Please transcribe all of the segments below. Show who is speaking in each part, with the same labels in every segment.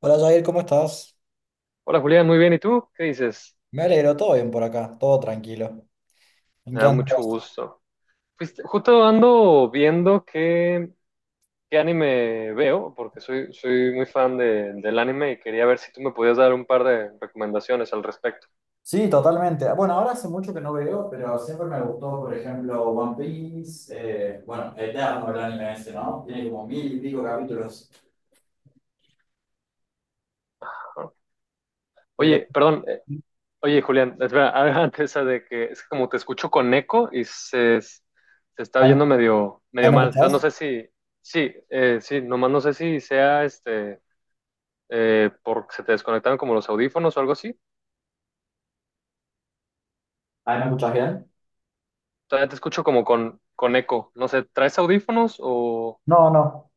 Speaker 1: Hola Jair, ¿cómo estás?
Speaker 2: Hola Julián, muy bien. ¿Y tú? ¿Qué dices?
Speaker 1: Me alegro, todo bien por acá, todo tranquilo. ¿En
Speaker 2: Me
Speaker 1: qué
Speaker 2: da
Speaker 1: andas?
Speaker 2: mucho gusto. Pues justo ando viendo qué anime veo, porque soy muy fan del anime y quería ver si tú me podías dar un par de recomendaciones al respecto.
Speaker 1: Sí, totalmente. Bueno, ahora hace mucho que no veo, pero siempre me gustó, por ejemplo, One Piece, bueno, Eterno, el anime ese, ¿no? Tiene como mil y pico capítulos.
Speaker 2: ¿No?
Speaker 1: Pero,
Speaker 2: Oye, perdón, oye Julián, espera, antes de que es que como te escucho con eco y se está
Speaker 1: ¿ahí,
Speaker 2: oyendo medio,
Speaker 1: ahí
Speaker 2: medio
Speaker 1: me
Speaker 2: mal. Entonces no
Speaker 1: escuchás?
Speaker 2: sé si, sí, sí, nomás no sé si sea este, porque se te desconectaron como los audífonos o algo así.
Speaker 1: ¿Ahí me escuchas bien?
Speaker 2: Todavía te escucho como con eco. No sé, ¿traes audífonos o...?
Speaker 1: No, no.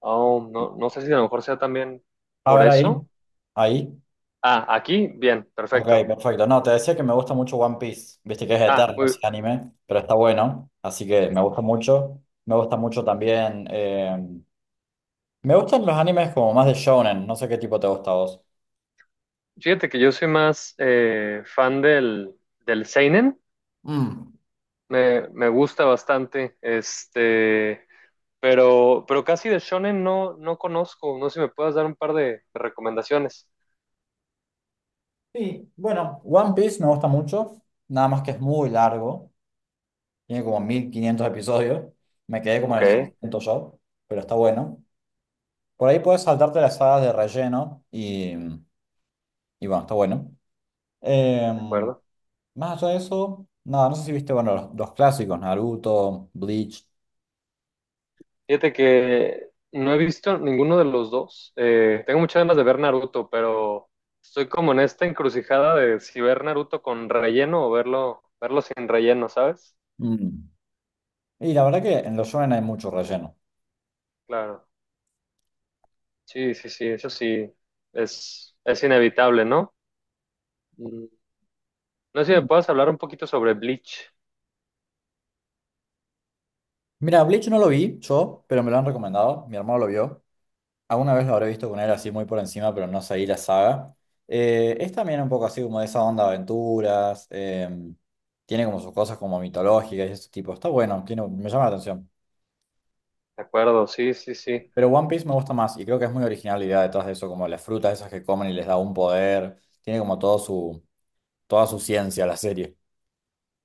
Speaker 2: Oh, no, no sé si a lo mejor sea también
Speaker 1: A
Speaker 2: por
Speaker 1: ver, ahí.
Speaker 2: eso.
Speaker 1: Ahí.
Speaker 2: Ah, aquí, bien,
Speaker 1: Ok,
Speaker 2: perfecto.
Speaker 1: perfecto. No, te decía que me gusta mucho One Piece. Viste que es
Speaker 2: Ah,
Speaker 1: eterno
Speaker 2: muy...
Speaker 1: ese anime, pero está bueno, así que me gusta mucho. Me gusta mucho también. Me gustan los animes como más de shonen, no sé qué tipo te gusta a vos.
Speaker 2: Fíjate que yo soy más fan del seinen.
Speaker 1: Mm.
Speaker 2: Me gusta bastante. Este... Pero casi de shonen no, no conozco. No sé si me puedas dar un par de recomendaciones.
Speaker 1: Sí, bueno, One Piece me gusta mucho, nada más que es muy largo, tiene como 1500 episodios, me quedé como
Speaker 2: Ok,
Speaker 1: en el
Speaker 2: de
Speaker 1: 600 yo, pero está bueno. Por ahí puedes saltarte las sagas de relleno y bueno, está bueno. Em,
Speaker 2: acuerdo.
Speaker 1: Más allá de eso, nada, no sé si viste, bueno, los clásicos, Naruto, Bleach.
Speaker 2: Fíjate que no he visto ninguno de los dos. Tengo muchas ganas de ver Naruto, pero estoy como en esta encrucijada de si ver Naruto con relleno o verlo sin relleno, ¿sabes?
Speaker 1: Mm. Y la verdad que en los shonen hay mucho relleno.
Speaker 2: Claro. Sí, sí, sí, eso sí es inevitable, ¿no? Mm, no sé si me puedes hablar un poquito sobre Bleach.
Speaker 1: Mira, Bleach no lo vi yo, pero me lo han recomendado, mi hermano lo vio. Alguna vez lo habré visto con él así muy por encima, pero no seguí la saga. Es también un poco así como de esa onda de aventuras. Tiene como sus cosas como mitológicas y ese tipo. Está bueno, tiene, me llama la atención.
Speaker 2: De acuerdo, sí, sí, sí,
Speaker 1: Pero One Piece me gusta más y creo que es muy original la idea detrás de eso, como las frutas esas que comen y les da un poder. Tiene como todo su, toda su ciencia la serie.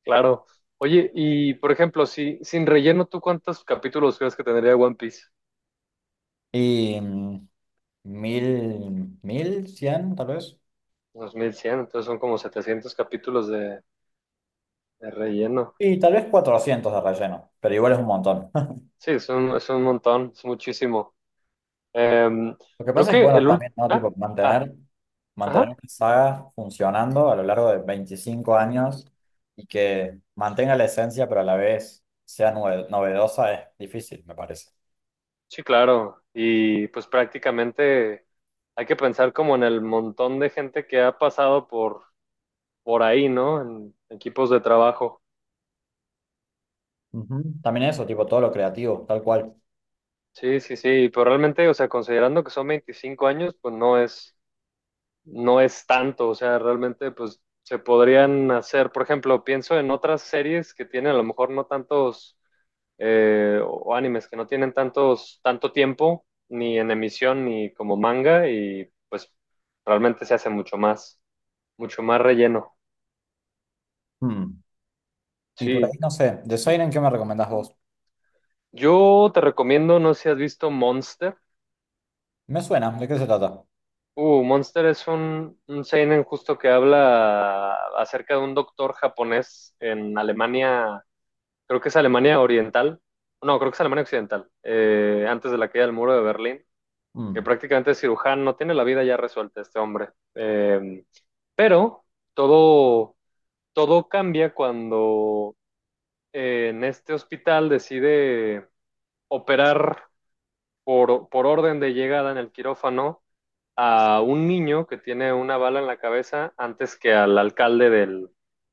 Speaker 2: claro. Oye, y por ejemplo, si sin relleno, ¿tú cuántos capítulos crees que tendría One Piece?
Speaker 1: Y mm, Mil, 1100 tal vez.
Speaker 2: 2100 entonces son como 700 capítulos de relleno.
Speaker 1: Y tal vez 400 de relleno, pero igual es un montón.
Speaker 2: Sí, es un montón, es muchísimo. Em,
Speaker 1: Lo que
Speaker 2: creo
Speaker 1: pasa es que,
Speaker 2: que
Speaker 1: bueno,
Speaker 2: el último...
Speaker 1: también, ¿no? Tipo,
Speaker 2: Ah, ah,
Speaker 1: mantener una
Speaker 2: ajá,
Speaker 1: saga funcionando a lo largo de 25 años y que mantenga la esencia, pero a la vez sea novedosa es difícil, me parece.
Speaker 2: sí, claro. Y pues prácticamente hay que pensar como en el montón de gente que ha pasado por ahí, ¿no? En equipos de trabajo.
Speaker 1: Ujú. También eso, tipo, todo lo creativo, tal cual.
Speaker 2: Sí, sí, sí, pero realmente, o sea, considerando que son 25 años, pues no es tanto, o sea, realmente, pues se podrían hacer, por ejemplo, pienso en otras series que tienen a lo mejor no tantos o animes que no tienen tantos, tanto tiempo, ni en emisión, ni como manga, y pues realmente se hace mucho más relleno.
Speaker 1: Mm. Y por ahí,
Speaker 2: Sí,
Speaker 1: no sé, de Siren, ¿qué me recomendás vos?
Speaker 2: yo te recomiendo, no sé si has visto Monster.
Speaker 1: Me suena, ¿de qué se trata?
Speaker 2: Monster es un seinen justo que habla acerca de un doctor japonés en Alemania, creo que es Alemania Oriental, no, creo que es Alemania Occidental, antes de la caída del muro de Berlín que
Speaker 1: Mm.
Speaker 2: prácticamente es cirujano, no tiene la vida ya resuelta este hombre. Pero todo, todo cambia cuando en este hospital decide operar por orden de llegada en el quirófano a un niño que tiene una bala en la cabeza antes que al alcalde del,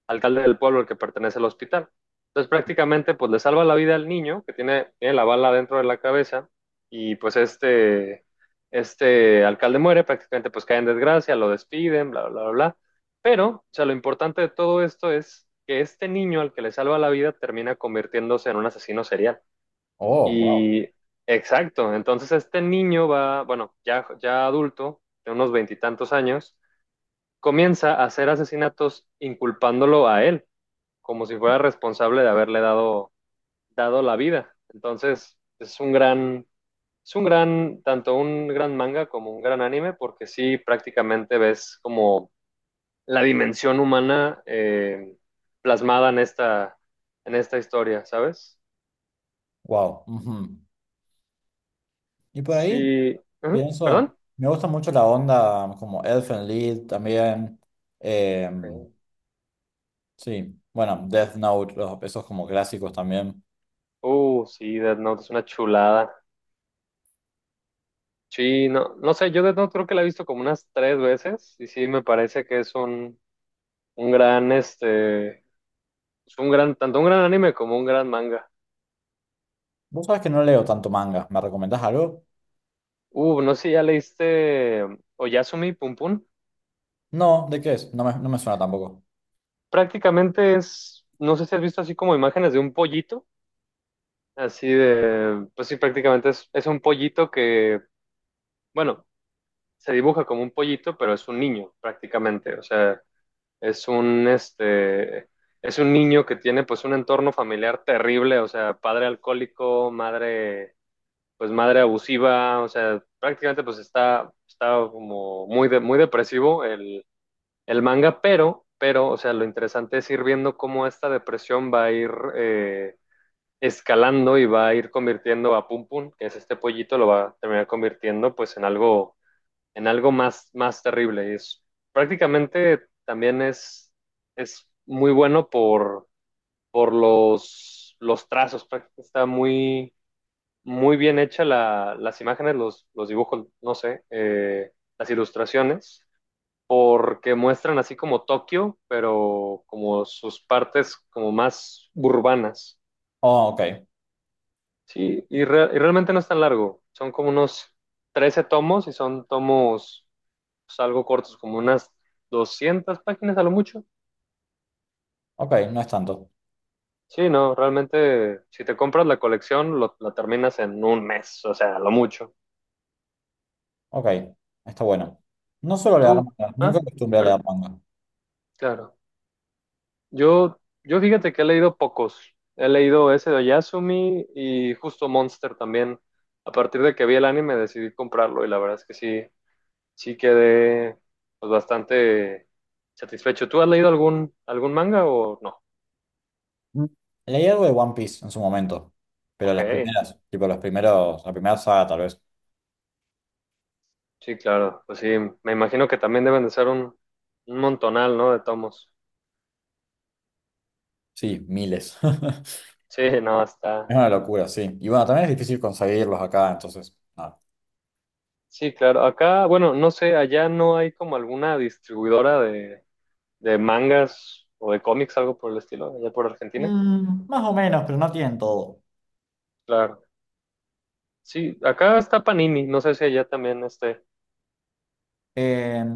Speaker 2: alcalde del pueblo al que pertenece el hospital. Entonces prácticamente pues le salva la vida al niño que tiene la bala dentro de la cabeza y pues este alcalde muere, prácticamente pues cae en desgracia, lo despiden, bla, bla, bla, bla. Pero, o sea, lo importante de todo esto es que este niño al que le salva la vida termina convirtiéndose en un asesino serial.
Speaker 1: Oh, wow,
Speaker 2: Y exacto, entonces este niño va, bueno, ya, ya adulto, de unos veintitantos años, comienza a hacer asesinatos inculpándolo a él, como si fuera responsable de haberle dado la vida. Entonces, es un gran, tanto un gran manga como un gran anime, porque sí prácticamente ves como la dimensión humana plasmada en esta historia, ¿sabes?
Speaker 1: wow. Ujú. Y por ahí,
Speaker 2: Sí, ujú.
Speaker 1: pienso,
Speaker 2: ¿Perdón?
Speaker 1: me gusta mucho la onda como Elfen Lied también. em,
Speaker 2: Ok.
Speaker 1: Sí, bueno, Death Note, esos como clásicos también.
Speaker 2: Sí, Death Note es una chulada. Sí, no, no sé, yo Death Note creo que la he visto como unas tres veces y sí me parece que es un gran, este, un gran, tanto un gran anime como un gran manga.
Speaker 1: Vos sabés que no leo tanto manga. ¿Me recomendás algo?
Speaker 2: No sé si ya leíste Oyasumi Pum Pum.
Speaker 1: No, ¿de qué es? No me suena tampoco.
Speaker 2: Prácticamente es, no sé si has visto así como imágenes de un pollito, así de, pues sí, prácticamente es un pollito que, bueno, se dibuja como un pollito, pero es un niño prácticamente, o sea. es un, este, es un niño que tiene pues un entorno familiar terrible, o sea, padre alcohólico, madre abusiva, o sea, prácticamente pues está como muy, muy depresivo el manga, pero, o sea, lo interesante es ir viendo cómo esta depresión va a ir escalando y va a ir convirtiendo a Pum Pum, que es este pollito, lo va a terminar convirtiendo pues en algo más, más terrible. Y es, prácticamente también es muy bueno por los trazos. Está muy, muy bien hecha las imágenes, los dibujos, no sé, las ilustraciones, porque muestran así como Tokio, pero como sus partes como más urbanas.
Speaker 1: Oh, ok.
Speaker 2: Sí, y realmente no es tan largo. Son como unos 13 tomos y son tomos salgo cortos, como unas 200 páginas a lo mucho.
Speaker 1: Ok, no es tanto.
Speaker 2: Sí, no, realmente si te compras la colección, la terminas en un mes, o sea, a lo mucho.
Speaker 1: Ok, está bueno. No suelo leer
Speaker 2: Tú,
Speaker 1: manga, nunca
Speaker 2: ah,
Speaker 1: acostumbré a
Speaker 2: pero
Speaker 1: leer manga.
Speaker 2: claro, yo fíjate que he leído pocos. He leído ese de Yasumi y justo Monster también. A partir de que vi el anime decidí comprarlo y la verdad es que sí, sí quedé pues, bastante satisfecho. ¿Tú has leído algún manga o no?
Speaker 1: Mm. Leí algo de One Piece en su momento, pero
Speaker 2: Ok.
Speaker 1: las primeras, tipo los primeros, la primera saga tal vez.
Speaker 2: Sí, claro. Pues sí, me imagino que también deben de ser un montonal, ¿no? De tomos.
Speaker 1: Sí, miles.
Speaker 2: Sí, no,
Speaker 1: Es
Speaker 2: está.
Speaker 1: una locura, sí. Y bueno, también es difícil conseguirlos acá, entonces, nada.
Speaker 2: Sí, claro. Acá, bueno, no sé, allá no hay como alguna distribuidora de mangas o de cómics, algo por el estilo, allá por Argentina.
Speaker 1: Mm, más o menos, pero no tienen todo.
Speaker 2: Claro. Sí, acá está Panini, no sé si allá también esté.
Speaker 1: Em,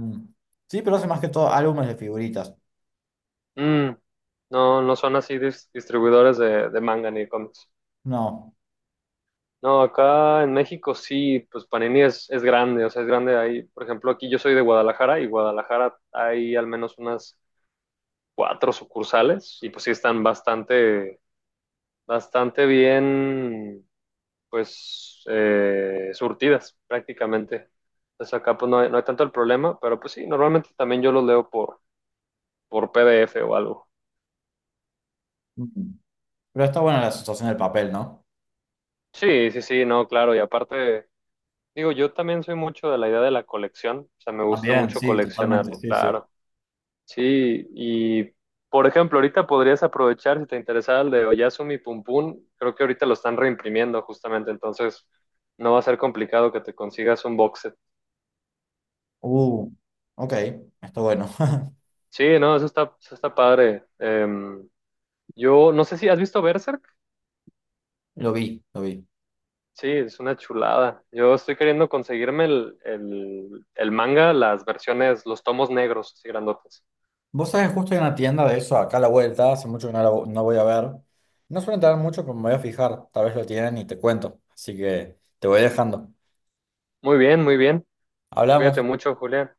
Speaker 1: sí, pero hace más que todo álbumes de figuritas.
Speaker 2: Mm, no, no son así distribuidores de manga ni de cómics.
Speaker 1: No.
Speaker 2: No, acá en México sí, pues Panini es grande, o sea, es grande ahí. Por ejemplo, aquí yo soy de Guadalajara y Guadalajara hay al menos unas cuatro sucursales y pues sí están bastante, bastante bien, pues, surtidas prácticamente. Entonces acá pues no hay tanto el problema, pero pues sí, normalmente también yo los leo por PDF o algo.
Speaker 1: Mm. Pero está buena la sensación del papel, ¿no?
Speaker 2: Sí, sí, sí, no, claro, y aparte, digo, yo también soy mucho de la idea de la colección, o sea, me gusta
Speaker 1: También,
Speaker 2: mucho
Speaker 1: sí, totalmente,
Speaker 2: coleccionarlo,
Speaker 1: sí, sí.
Speaker 2: claro. Sí, y por ejemplo, ahorita podrías aprovechar si te interesaba el de Oyasumi Pum Pum. Creo que ahorita lo están reimprimiendo justamente, entonces no va a ser complicado que te consigas un box set.
Speaker 1: Uh, ok, está bueno.
Speaker 2: Sí, no, eso está padre. Yo no sé si has visto Berserk.
Speaker 1: Lo vi, lo vi.
Speaker 2: Sí, es una chulada. Yo estoy queriendo conseguirme el manga, las versiones, los tomos negros, así grandotes.
Speaker 1: Vos sabés, justo hay una tienda de eso acá a la vuelta, hace mucho que no, no voy a ver. No suelen tener mucho, pero me voy a fijar, tal vez lo tienen y te cuento. Así que te voy dejando.
Speaker 2: Muy bien, muy bien. Cuídate
Speaker 1: Hablamos.
Speaker 2: mucho, Julián.